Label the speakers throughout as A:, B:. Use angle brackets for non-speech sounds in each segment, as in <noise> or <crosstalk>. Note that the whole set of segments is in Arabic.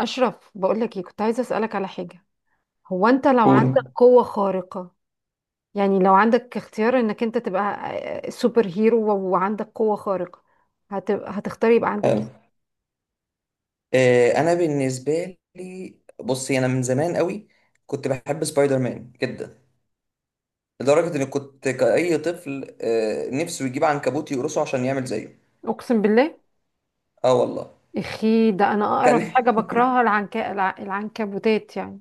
A: أشرف، بقولك ايه، كنت عايزة أسألك على حاجة. هو أنت لو عندك
B: قول.
A: قوة خارقة، يعني لو عندك اختيار إنك أنت تبقى سوبر هيرو وعندك قوة خارقة، هتبقى هتختار يبقى عندك
B: حلو.
A: ايه؟
B: انا بالنسبه لي، بصي، انا من زمان قوي كنت بحب سبايدر مان جدا، لدرجه اني كنت كاي طفل نفسه يجيب عنكبوت يقرصه عشان يعمل زيه.
A: أقسم بالله،
B: اه والله.
A: اخي ده أنا
B: كان
A: أقرب حاجة
B: <laughs>
A: بكرهها العنكبوتات يعني.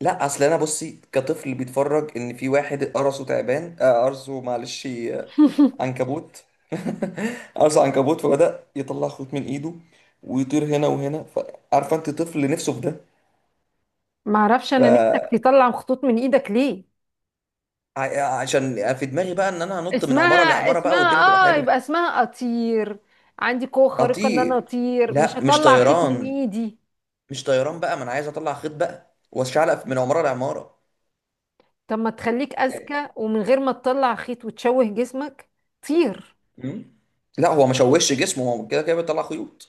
B: لا اصل انا بصي كطفل بيتفرج ان في واحد قرصه تعبان، قرصه، معلش،
A: <laughs>
B: عنكبوت. <laughs> قرصه عنكبوت فبدأ يطلع خيط من ايده ويطير هنا وهنا، فعارفه انت طفل نفسه في
A: معرفش أنا، نفسك
B: ده.
A: تطلع خطوط من إيدك ليه؟
B: عشان في دماغي بقى ان انا هنط من عماره
A: اسمها
B: لعماره بقى
A: اسمها
B: والدنيا تبقى
A: اه، يبقى
B: حلوه.
A: اسمها أطير، عندي قوة خارقة إن أنا
B: اطير؟
A: أطير، مش
B: لا، مش
A: هطلع خيط من
B: طيران
A: إيدي.
B: مش طيران بقى. ما انا عايز اطلع خيط بقى واشعلق من عماره لعماره
A: طب ما تخليك
B: يعني.
A: اذكى ومن غير ما تطلع خيط وتشوه جسمك، طير.
B: مم. لا هو ما شوش جسمه، هو كده كده بيطلع خيوط.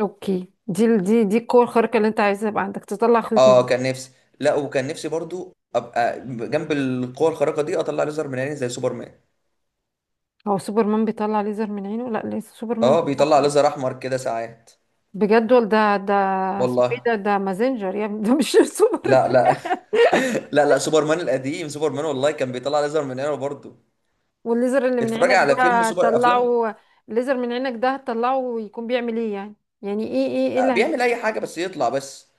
A: اوكي، دي ال- دي دي القوه الخارقه اللي انت عايزها يبقى عندك تطلع خيط من
B: اه
A: ايدك.
B: كان نفسي. لا، وكان نفسي برضو، ابقى جنب القوه الخارقه دي، اطلع ليزر من عيني زي سوبرمان.
A: هو سوبرمان بيطلع ليزر من عينه؟ لا، ليس سوبرمان
B: اه
A: بيطلع
B: بيطلع
A: خيط.
B: ليزر احمر كده ساعات.
A: بجد؟ ولا ده اسمه ايه،
B: والله.
A: ده مازنجر يا ابني، ده مش <laughs>
B: لا
A: سوبرمان.
B: لا. <laughs> لا لا، سوبرمان القديم، سوبرمان والله كان بيطلع ليزر من عينه برضو.
A: والليزر اللي من
B: اتفرج
A: عينك
B: على فيلم
A: ده
B: سوبر، افلام.
A: طلعه، الليزر من عينك ده هتطلعه يكون بيعمل ايه يعني؟ يعني ايه اللي
B: بيعمل اي حاجه، بس يطلع بس.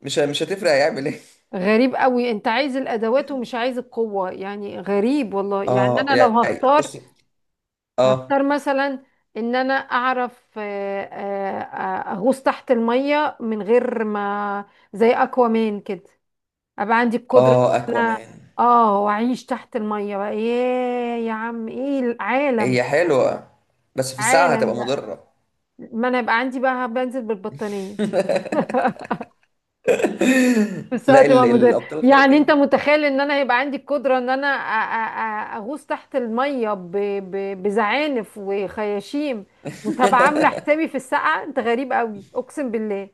B: مش هتفرق هيعمل ايه. <laughs>
A: غريب قوي، انت عايز الادوات ومش عايز القوه، يعني غريب والله. يعني
B: اه
A: انا لو
B: يعني
A: هختار،
B: بص. اه
A: هختار مثلا ان انا اعرف اغوص تحت المية من غير ما، زي اكوامان كده، ابقى عندي القدرة
B: اه،
A: ان انا،
B: اكوامان.
A: اه، واعيش تحت المية بقى. ياه يا عم، ايه العالم،
B: هي حلوه بس في الساعه
A: عالم
B: هتبقى
A: بقى.
B: مضره.
A: ما انا يبقى عندي بقى بنزل بالبطانية. <laughs>
B: <laughs>
A: بس
B: لا
A: هتبقى مدرب،
B: الابطال
A: يعني انت
B: الخارقين.
A: متخيل ان انا هيبقى عندي القدرة ان انا اغوص تحت المية بزعانف وخياشيم، وتبقى عاملة حسابي في السقعة. انت غريب قوي، اقسم بالله.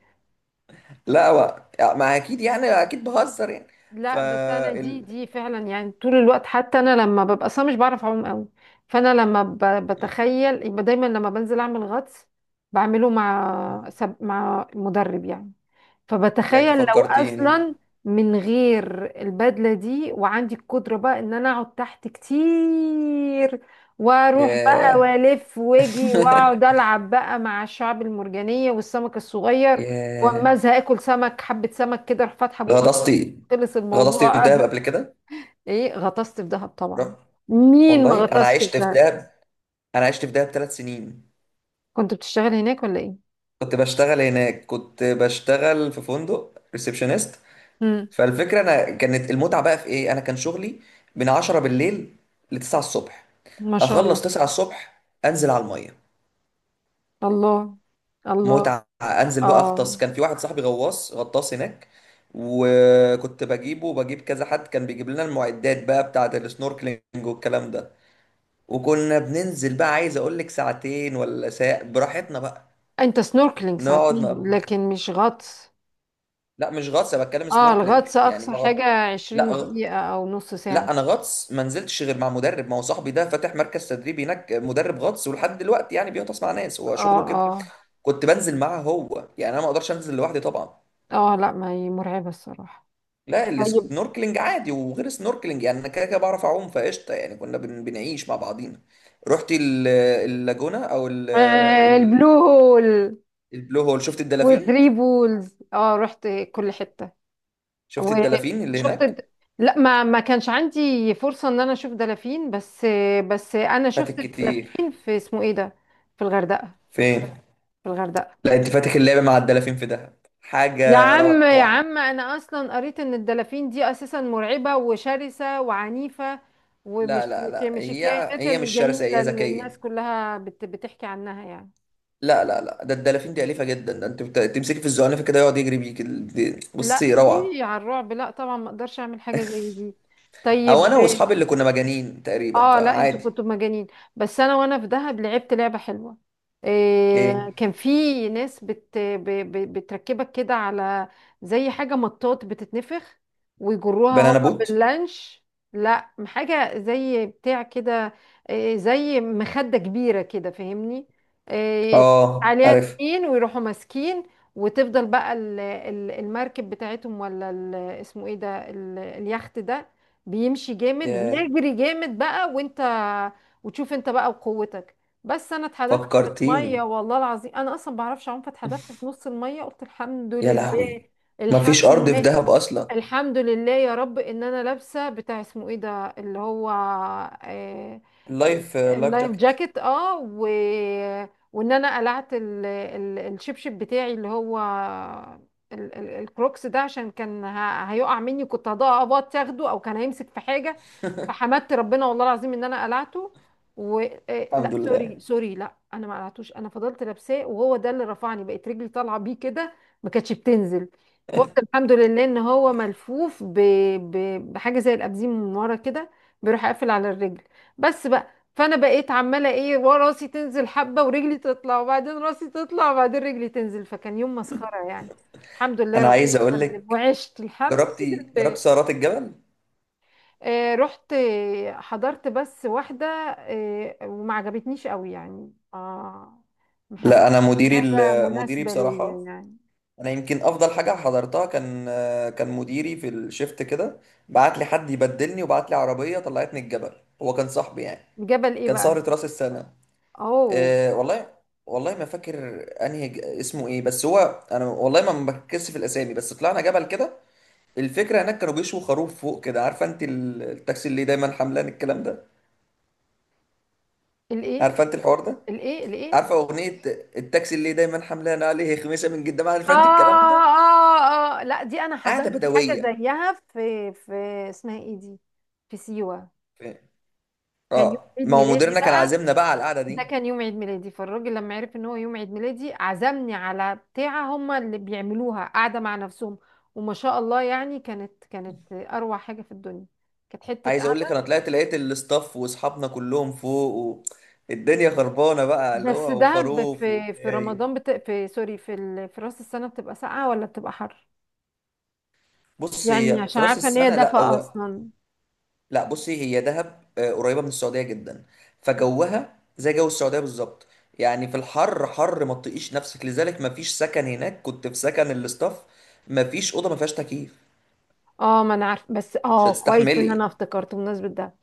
B: لا هو يعني، ما اكيد، يعني اكيد بهزر يعني. ف
A: لا بس انا دي
B: ال...
A: دي فعلا يعني طول الوقت، حتى انا لما ببقى، اصلا مش بعرف اعوم قوي، فانا لما بتخيل يبقى دايما، لما بنزل اعمل غطس بعمله مع مع مدرب يعني.
B: لا انت
A: فبتخيل لو
B: فكرتيني.
A: اصلا من غير البدله دي، وعندي القدره بقى ان انا اقعد تحت كتير، واروح بقى
B: ياه.
A: والف واجي واقعد
B: <laughs>
A: العب بقى مع الشعب المرجانيه والسمك الصغير، واما
B: ياه.
A: ازهق اكل سمك، حبه سمك كده اروح فاتحه بقي،
B: غطستي
A: خلص
B: غطستي في
A: الموضوع.
B: دهب
A: أه.
B: قبل كده؟
A: ايه، غطست في دهب
B: رحت.
A: طبعا، مين ما
B: والله انا
A: غطسش في
B: عشت في
A: دهب؟
B: دهب. انا عشت في دهب 3 سنين.
A: كنت بتشتغل هناك ولا ايه؟
B: كنت بشتغل هناك، كنت بشتغل في فندق ريسبشنست.
A: امم.
B: فالفكرة، أنا كانت المتعة بقى في إيه، أنا كان شغلي من 10 بالليل ل 9 الصبح.
A: ما شاء
B: أخلص
A: الله.
B: 9 الصبح أنزل على المية.
A: الله، الله.
B: متعة. أنزل بقى أغطس.
A: اه،
B: كان في واحد صاحبي غواص غطاس هناك، وكنت بجيبه وبجيب كذا حد كان بيجيب لنا المعدات بقى بتاعة السنوركلينج والكلام ده، وكنا بننزل بقى، عايز أقول لك ساعتين ولا ساعة براحتنا بقى،
A: انت سنوركلينج
B: نقعد
A: ساعتين
B: نقضي.
A: لكن مش غطس،
B: لا مش غطس، انا بتكلم
A: اه،
B: سنوركلينج
A: الغطس
B: يعني،
A: اقصى
B: ما
A: حاجة
B: غط...
A: عشرين
B: لا غ...
A: دقيقة او نص
B: لا
A: ساعة.
B: انا غطس ما نزلتش غير مع مدرب، ما هو صاحبي ده فاتح مركز تدريب هناك، مدرب غطس ولحد دلوقتي يعني بيغطس مع ناس، هو
A: اه
B: شغله كده.
A: اه
B: كنت بنزل معاه هو يعني، انا ما اقدرش انزل لوحدي طبعا.
A: اه، لا، ما هي مرعبة الصراحة.
B: لا
A: طيب.
B: السنوركلينج عادي، وغير السنوركلينج يعني انا كده كده بعرف اعوم فقشطه يعني، كنا بنعيش مع بعضينا. رحت اللاجونة، او
A: آه، البلو هول
B: البلو هول، شفت الدلافين
A: وثري بولز، اه رحت كل حتة.
B: شفت الدلافين اللي
A: وشفت
B: هناك.
A: لا، ما كانش عندي فرصة ان انا اشوف دلافين، بس بس انا
B: فاتك
A: شفت
B: كتير.
A: الدلافين في اسمه ايه ده، في الغردقة،
B: فين؟
A: في الغردقة.
B: لا انت فاتك اللعبة مع الدلافين في دهب،
A: يا
B: حاجة
A: عم، يا
B: روعة.
A: عم، انا اصلا قريت ان الدلافين دي اساسا مرعبة وشرسة وعنيفة،
B: لا
A: ومش
B: لا
A: مش
B: لا،
A: مش
B: هي
A: الكائنات
B: هي مش شرسة،
A: الجميلة
B: هي
A: اللي الناس
B: ذكية.
A: كلها بتحكي عنها يعني.
B: لا لا لا، ده الدلافين دي أليفة جدا، ده انت تمسكي في الزعنفة كده يقعد يجري بيك،
A: لا
B: بصي، روعة.
A: ايه على الرعب، لا طبعا ما اقدرش اعمل حاجة زي دي.
B: او
A: طيب.
B: انا واصحابي اللي كنا مجانين تقريبا،
A: اه، لا، انتوا
B: فعادي.
A: كنتوا مجانين. بس انا، وانا في دهب، لعبت لعبة حلوة،
B: ايه،
A: إيه، كان في ناس بتركبك كده على زي حاجة مطاط بتتنفخ، ويجروها هما
B: بنانا بوت.
A: باللانش، لا حاجة زي بتاع كده، إيه، زي مخدة كبيرة كده، فاهمني؟ إيه،
B: اه
A: عليها
B: عارف.
A: اتنين ويروحوا ماسكين، وتفضل بقى المركب بتاعتهم، ولا اسمه ايه ده، اليخت ده، بيمشي جامد
B: يا
A: ويجري جامد بقى، وانت، وتشوف انت بقى وقوتك. بس انا اتحدفت في الميه،
B: فكرتيني.
A: والله العظيم انا اصلا بعرفش اعوم، فاتحدفت في نص الميه، قلت الحمد
B: يا
A: لله.
B: لهوي،
A: <laughs> الحمد
B: مفيش ارض في
A: لله.
B: دهب اصلا.
A: الحمد لله يا رب ان انا لابسه بتاع اسمه ايه ده، اللي هو، آه، ال-
B: اللايف
A: اللايف
B: جاكيت.
A: جاكيت، اه، وان انا قلعت الشبشب بتاعي اللي هو الكروكس ده، عشان كان هيقع مني، كنت هضبط تاخده، او كان هيمسك في حاجه،
B: <laughs>
A: فحمدت ربنا والله العظيم ان انا قلعته. و... آه، لا
B: الحمد
A: سوري
B: لله.
A: سوري، لا انا ما قلعتوش، انا فضلت لابساه وهو ده اللي رفعني، بقت رجلي طالعه بيه كده، ما كانتش بتنزل، فقلت الحمد لله ان هو ملفوف ب... بحاجه زي الابزيم من ورا كده، بيروح قافل على الرجل، بس بقى. فانا بقيت عماله ايه، ورا راسي تنزل حبه ورجلي تطلع، وبعدين راسي تطلع وبعدين رجلي تنزل، فكان يوم مسخره يعني. الحمد لله
B: انا
A: ربنا
B: عايز اقول
A: سلم
B: لك،
A: وعشت الحمد
B: جربت
A: لله.
B: سهرات الجبل؟
A: آه رحت، حضرت بس واحده، آه، وما عجبتنيش قوي يعني، اه، محس
B: لا انا، مديري
A: حاجه
B: مديري
A: مناسبه ليا
B: بصراحه،
A: يعني.
B: انا يمكن افضل حاجه حضرتها، كان مديري في الشفت كده بعت لي حد يبدلني وبعت لي عربيه طلعتني الجبل، هو كان صاحبي يعني.
A: جبل ايه
B: كان
A: بقى؟
B: سهره راس السنه.
A: اوه.
B: أه والله. والله ما فاكر انهي اسمه ايه بس هو، انا والله ما بركزش في الاسامي، بس طلعنا جبل كده. الفكره هناك كانوا بيشوا خروف فوق كده، عارفه انت التاكسي اللي دايما حملان الكلام ده،
A: الايه؟
B: عارفه انت الحوار ده،
A: الايه؟ الايه؟
B: عارفه اغنيه التاكسي اللي دايما حملان عليه خميسه من جدا،
A: آه،
B: عارفه انت الكلام ده،
A: اه اه، لا دي انا
B: قعده
A: حضرت حاجه
B: بدويه.
A: زيها في اسمها ايه دي، في سيوه،
B: ف-
A: كان يوم
B: اه
A: عيد
B: ما هو
A: ميلادي
B: مديرنا كان
A: بقى،
B: عازمنا بقى على القعده
A: ده
B: دي.
A: كان يوم عيد ميلادي، فالراجل لما عرف ان هو يوم عيد ميلادي عزمني على بتاعه هما اللي بيعملوها قاعده مع نفسهم، وما شاء الله يعني، كانت اروع حاجه في الدنيا، كانت حته
B: عايز اقول لك، انا
A: قاعده.
B: طلعت لقيت الاستاف واصحابنا كلهم فوق، الدنيا خربانه بقى، اللي
A: بس
B: هو
A: ده
B: وخروف
A: في
B: وشاي.
A: رمضان، في سوري في راس السنه بتبقى ساقعه ولا بتبقى حر؟
B: بص
A: يعني
B: هي
A: عشان
B: في راس
A: عارفه ان هي
B: السنه، لا
A: دفا
B: هو،
A: اصلا.
B: لا بصي، هي دهب قريبه من السعوديه جدا، فجوها زي جو السعوديه بالظبط، يعني في الحر حر ما تطيقيش نفسك، لذلك ما فيش سكن هناك. كنت في سكن الاستاف، ما فيش اوضه ما فيهاش تكييف،
A: اه ما انا عارفه، بس
B: مش
A: اه، كويس ان انا
B: هتستحملي.
A: افتكرت بمناسبة ده،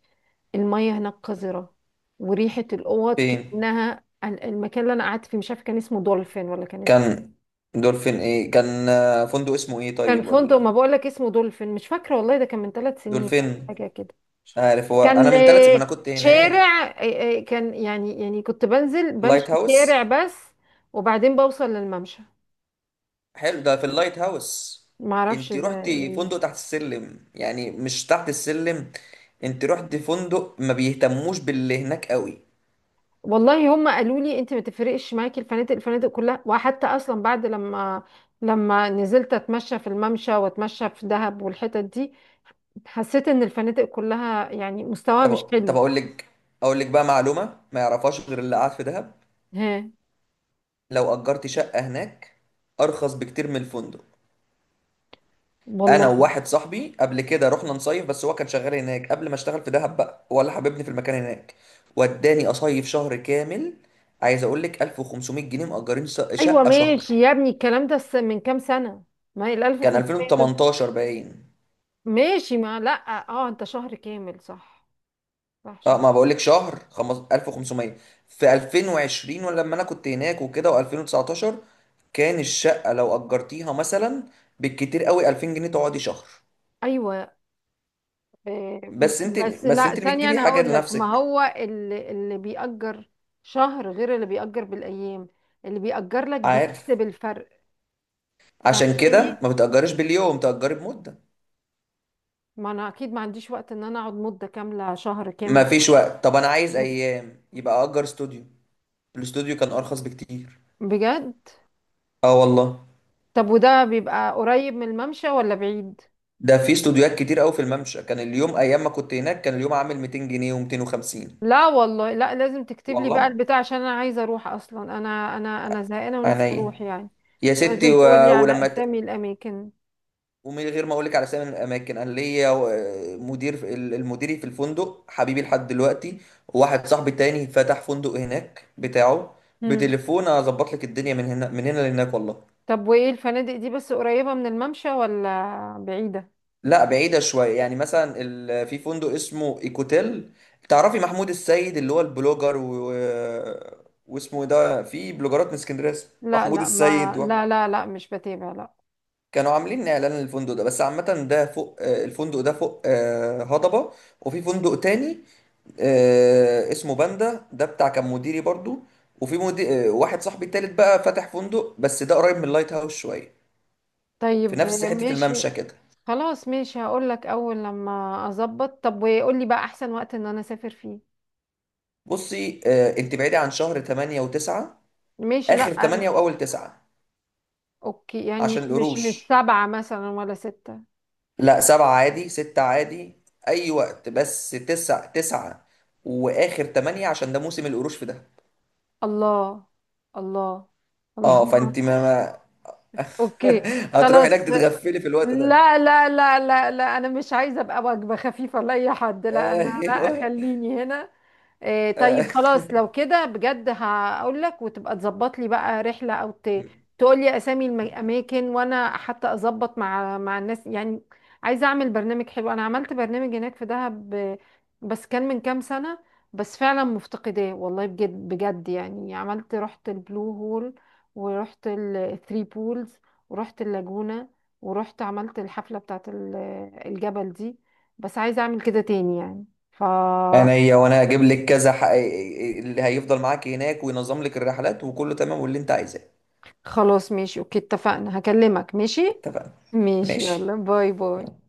A: المية هناك قذرة، وريحة الاوض
B: فين
A: كأنها، المكان اللي انا قعدت فيه، مش عارفه كان اسمه دولفين، ولا كان اسمه،
B: كان؟ دولفين؟ ايه، كان فندق اسمه ايه،
A: كان
B: طيب
A: فندق، ما
B: ولا
A: بقول لك اسمه دولفين مش فاكرة والله، ده كان من ثلاث سنين ولا
B: دولفين؟
A: حاجة كده.
B: مش عارف هو، انا
A: كان
B: من ثلاث ما انا كنت هناك.
A: شارع، كان يعني، يعني كنت بنزل بمشي
B: لايت
A: شارع
B: هاوس.
A: بس، وبعدين بوصل للممشى،
B: حلو ده، في اللايت هاوس.
A: ما اعرفش
B: انت
A: ده
B: رحتي
A: يعني.
B: فندق تحت السلم يعني، مش تحت السلم، انت رحتي فندق ما بيهتموش باللي هناك قوي.
A: والله هم قالوا لي انت ما تفرقش معاكي الفنادق، الفنادق كلها، وحتى اصلا بعد لما، لما نزلت اتمشى في الممشى واتمشى في دهب والحتت دي، حسيت ان الفنادق كلها يعني مستواها مش
B: طب طب
A: حلو.
B: اقول لك بقى معلومة ما يعرفهاش غير اللي قاعد في دهب،
A: ها.
B: لو اجرتي شقة هناك ارخص بكتير من الفندق. انا
A: والله.
B: وواحد صاحبي قبل كده رحنا نصيف، بس هو كان شغال هناك قبل ما اشتغل في دهب بقى، هو اللي حببني في المكان هناك، وداني اصيف شهر كامل. عايز اقول لك، 1500 جنيه مأجرين
A: ايوه
B: شقة شهر.
A: ماشي يا ابني، الكلام ده من كام سنه، ما هي ال
B: كان
A: 1500 دول،
B: 2018 باين.
A: ماشي ما لا، اه انت شهر كامل صح؟ صح،
B: اه
A: شهر،
B: ما بقول لك شهر 1500، في 2020 ولا لما انا كنت هناك وكده، و2019، كان الشقة لو أجرتيها مثلا بالكتير قوي 2000 جنيه تقعدي شهر.
A: ايوه. إيه،
B: بس انت
A: بس
B: بس
A: لا
B: انت اللي
A: ثانية،
B: بتجيبي
A: أنا
B: حاجة
A: هقول لك، ما
B: لنفسك.
A: هو اللي بيأجر شهر غير اللي بيأجر بالأيام، اللي بيأجر لك
B: عارف،
A: بيكسب الفرق،
B: عشان
A: فهمتني؟
B: كده ما بتأجرش باليوم، تأجري بمدة.
A: ما أنا أكيد ما عنديش وقت إن أنا أقعد مدة كاملة شهر
B: ما
A: كامل.
B: فيش وقت؟ طب انا عايز ايام، يبقى اجر استوديو. الاستوديو كان ارخص بكتير.
A: بجد؟
B: اه والله.
A: طب وده بيبقى قريب من الممشى ولا بعيد؟
B: ده في استوديوهات كتير قوي في الممشى، كان اليوم، ايام ما كنت هناك، كان اليوم عامل 200 جنيه و250.
A: لا والله، لا، لازم تكتب لي بقى
B: والله
A: البتاع، عشان أنا عايزة أروح، أصلا أنا زهقانة ونفسي
B: عينيا،
A: أروح يعني.
B: يا ستي،
A: لازم تقول لي على
B: ولما ت...
A: أسامي الأماكن.
B: ومن غير ما اقول لك على اسامي الاماكن، انا ليا مدير المديري في الفندق حبيبي لحد دلوقتي، وواحد صاحبي تاني فتح فندق هناك بتاعه، بتليفون اظبط لك الدنيا، من هنا لهناك والله.
A: طب وايه الفنادق دي، بس قريبة من الممشى ولا بعيدة؟
B: لا بعيدة شوية يعني، مثلا في فندق اسمه ايكوتيل، تعرفي محمود السيد اللي هو البلوجر واسمه إيه ده، في بلوجرات من اسكندرية اسمه
A: لا
B: محمود
A: لا،
B: السيد،
A: ما لا لا لا، مش بتابع، لا.
B: كانوا عاملين اعلان للفندق ده، بس عامة ده فوق الفندق ده فوق هضبة. وفي فندق تاني اسمه باندا، ده بتاع كان مديري برضو. وفي مدير واحد صاحبي التالت بقى فاتح فندق، بس ده قريب من اللايت هاوس شوية، في
A: طيب
B: نفس حتة
A: ماشي.
B: الممشى كده.
A: خلاص ماشي، هقول لك اول لما اظبط. طب وقول لي بقى احسن وقت ان انا اسافر فيه.
B: بصي انت بعيدة عن شهر 8 و9،
A: ماشي، لا.
B: اخر تمانية واول تسعة،
A: اوكي، يعني مش
B: عشان
A: مش
B: القروش.
A: سبعة مثلا ولا ستة؟
B: لا سبعة عادي، ستة عادي، اي وقت، بس تسعة تسعة واخر تمانية، عشان ده موسم القروش في ده.
A: الله، الله،
B: اه
A: الله.
B: فانت ما
A: <laughs> اوكي،
B: <laughs> هتروح هناك
A: خلاص.
B: تتغفلي في الوقت ده.
A: لا لا لا لا لا، انا مش عايزه ابقى وجبه خفيفه لاي حد، لا انا، لا،
B: ايوه.
A: خليني هنا. إيه
B: <laughs>
A: طيب
B: آه.
A: خلاص، لو كده بجد هقول لك، وتبقى تظبط لي بقى رحله او تقول لي اسامي الاماكن، وانا حتى اظبط مع الناس يعني، عايزه اعمل برنامج حلو، انا عملت برنامج هناك في دهب، آه، بس كان من كام سنه، بس فعلا مفتقداه والله، بجد بجد يعني، عملت، رحت البلو هول، ورحت الثري بولز، ورحت اللاجونة، ورحت عملت الحفلة بتاعت الجبل دي، بس عايزة اعمل كده تاني يعني. ف،
B: انا، هي وانا اجيب لك كذا اللي هيفضل معاك هناك وينظم لك الرحلات وكله تمام واللي انت عايزاه.
A: خلاص ماشي، اوكي اتفقنا، هكلمك، ماشي.
B: اتفقنا.
A: ماشي،
B: ماشي.
A: يلا باي باي.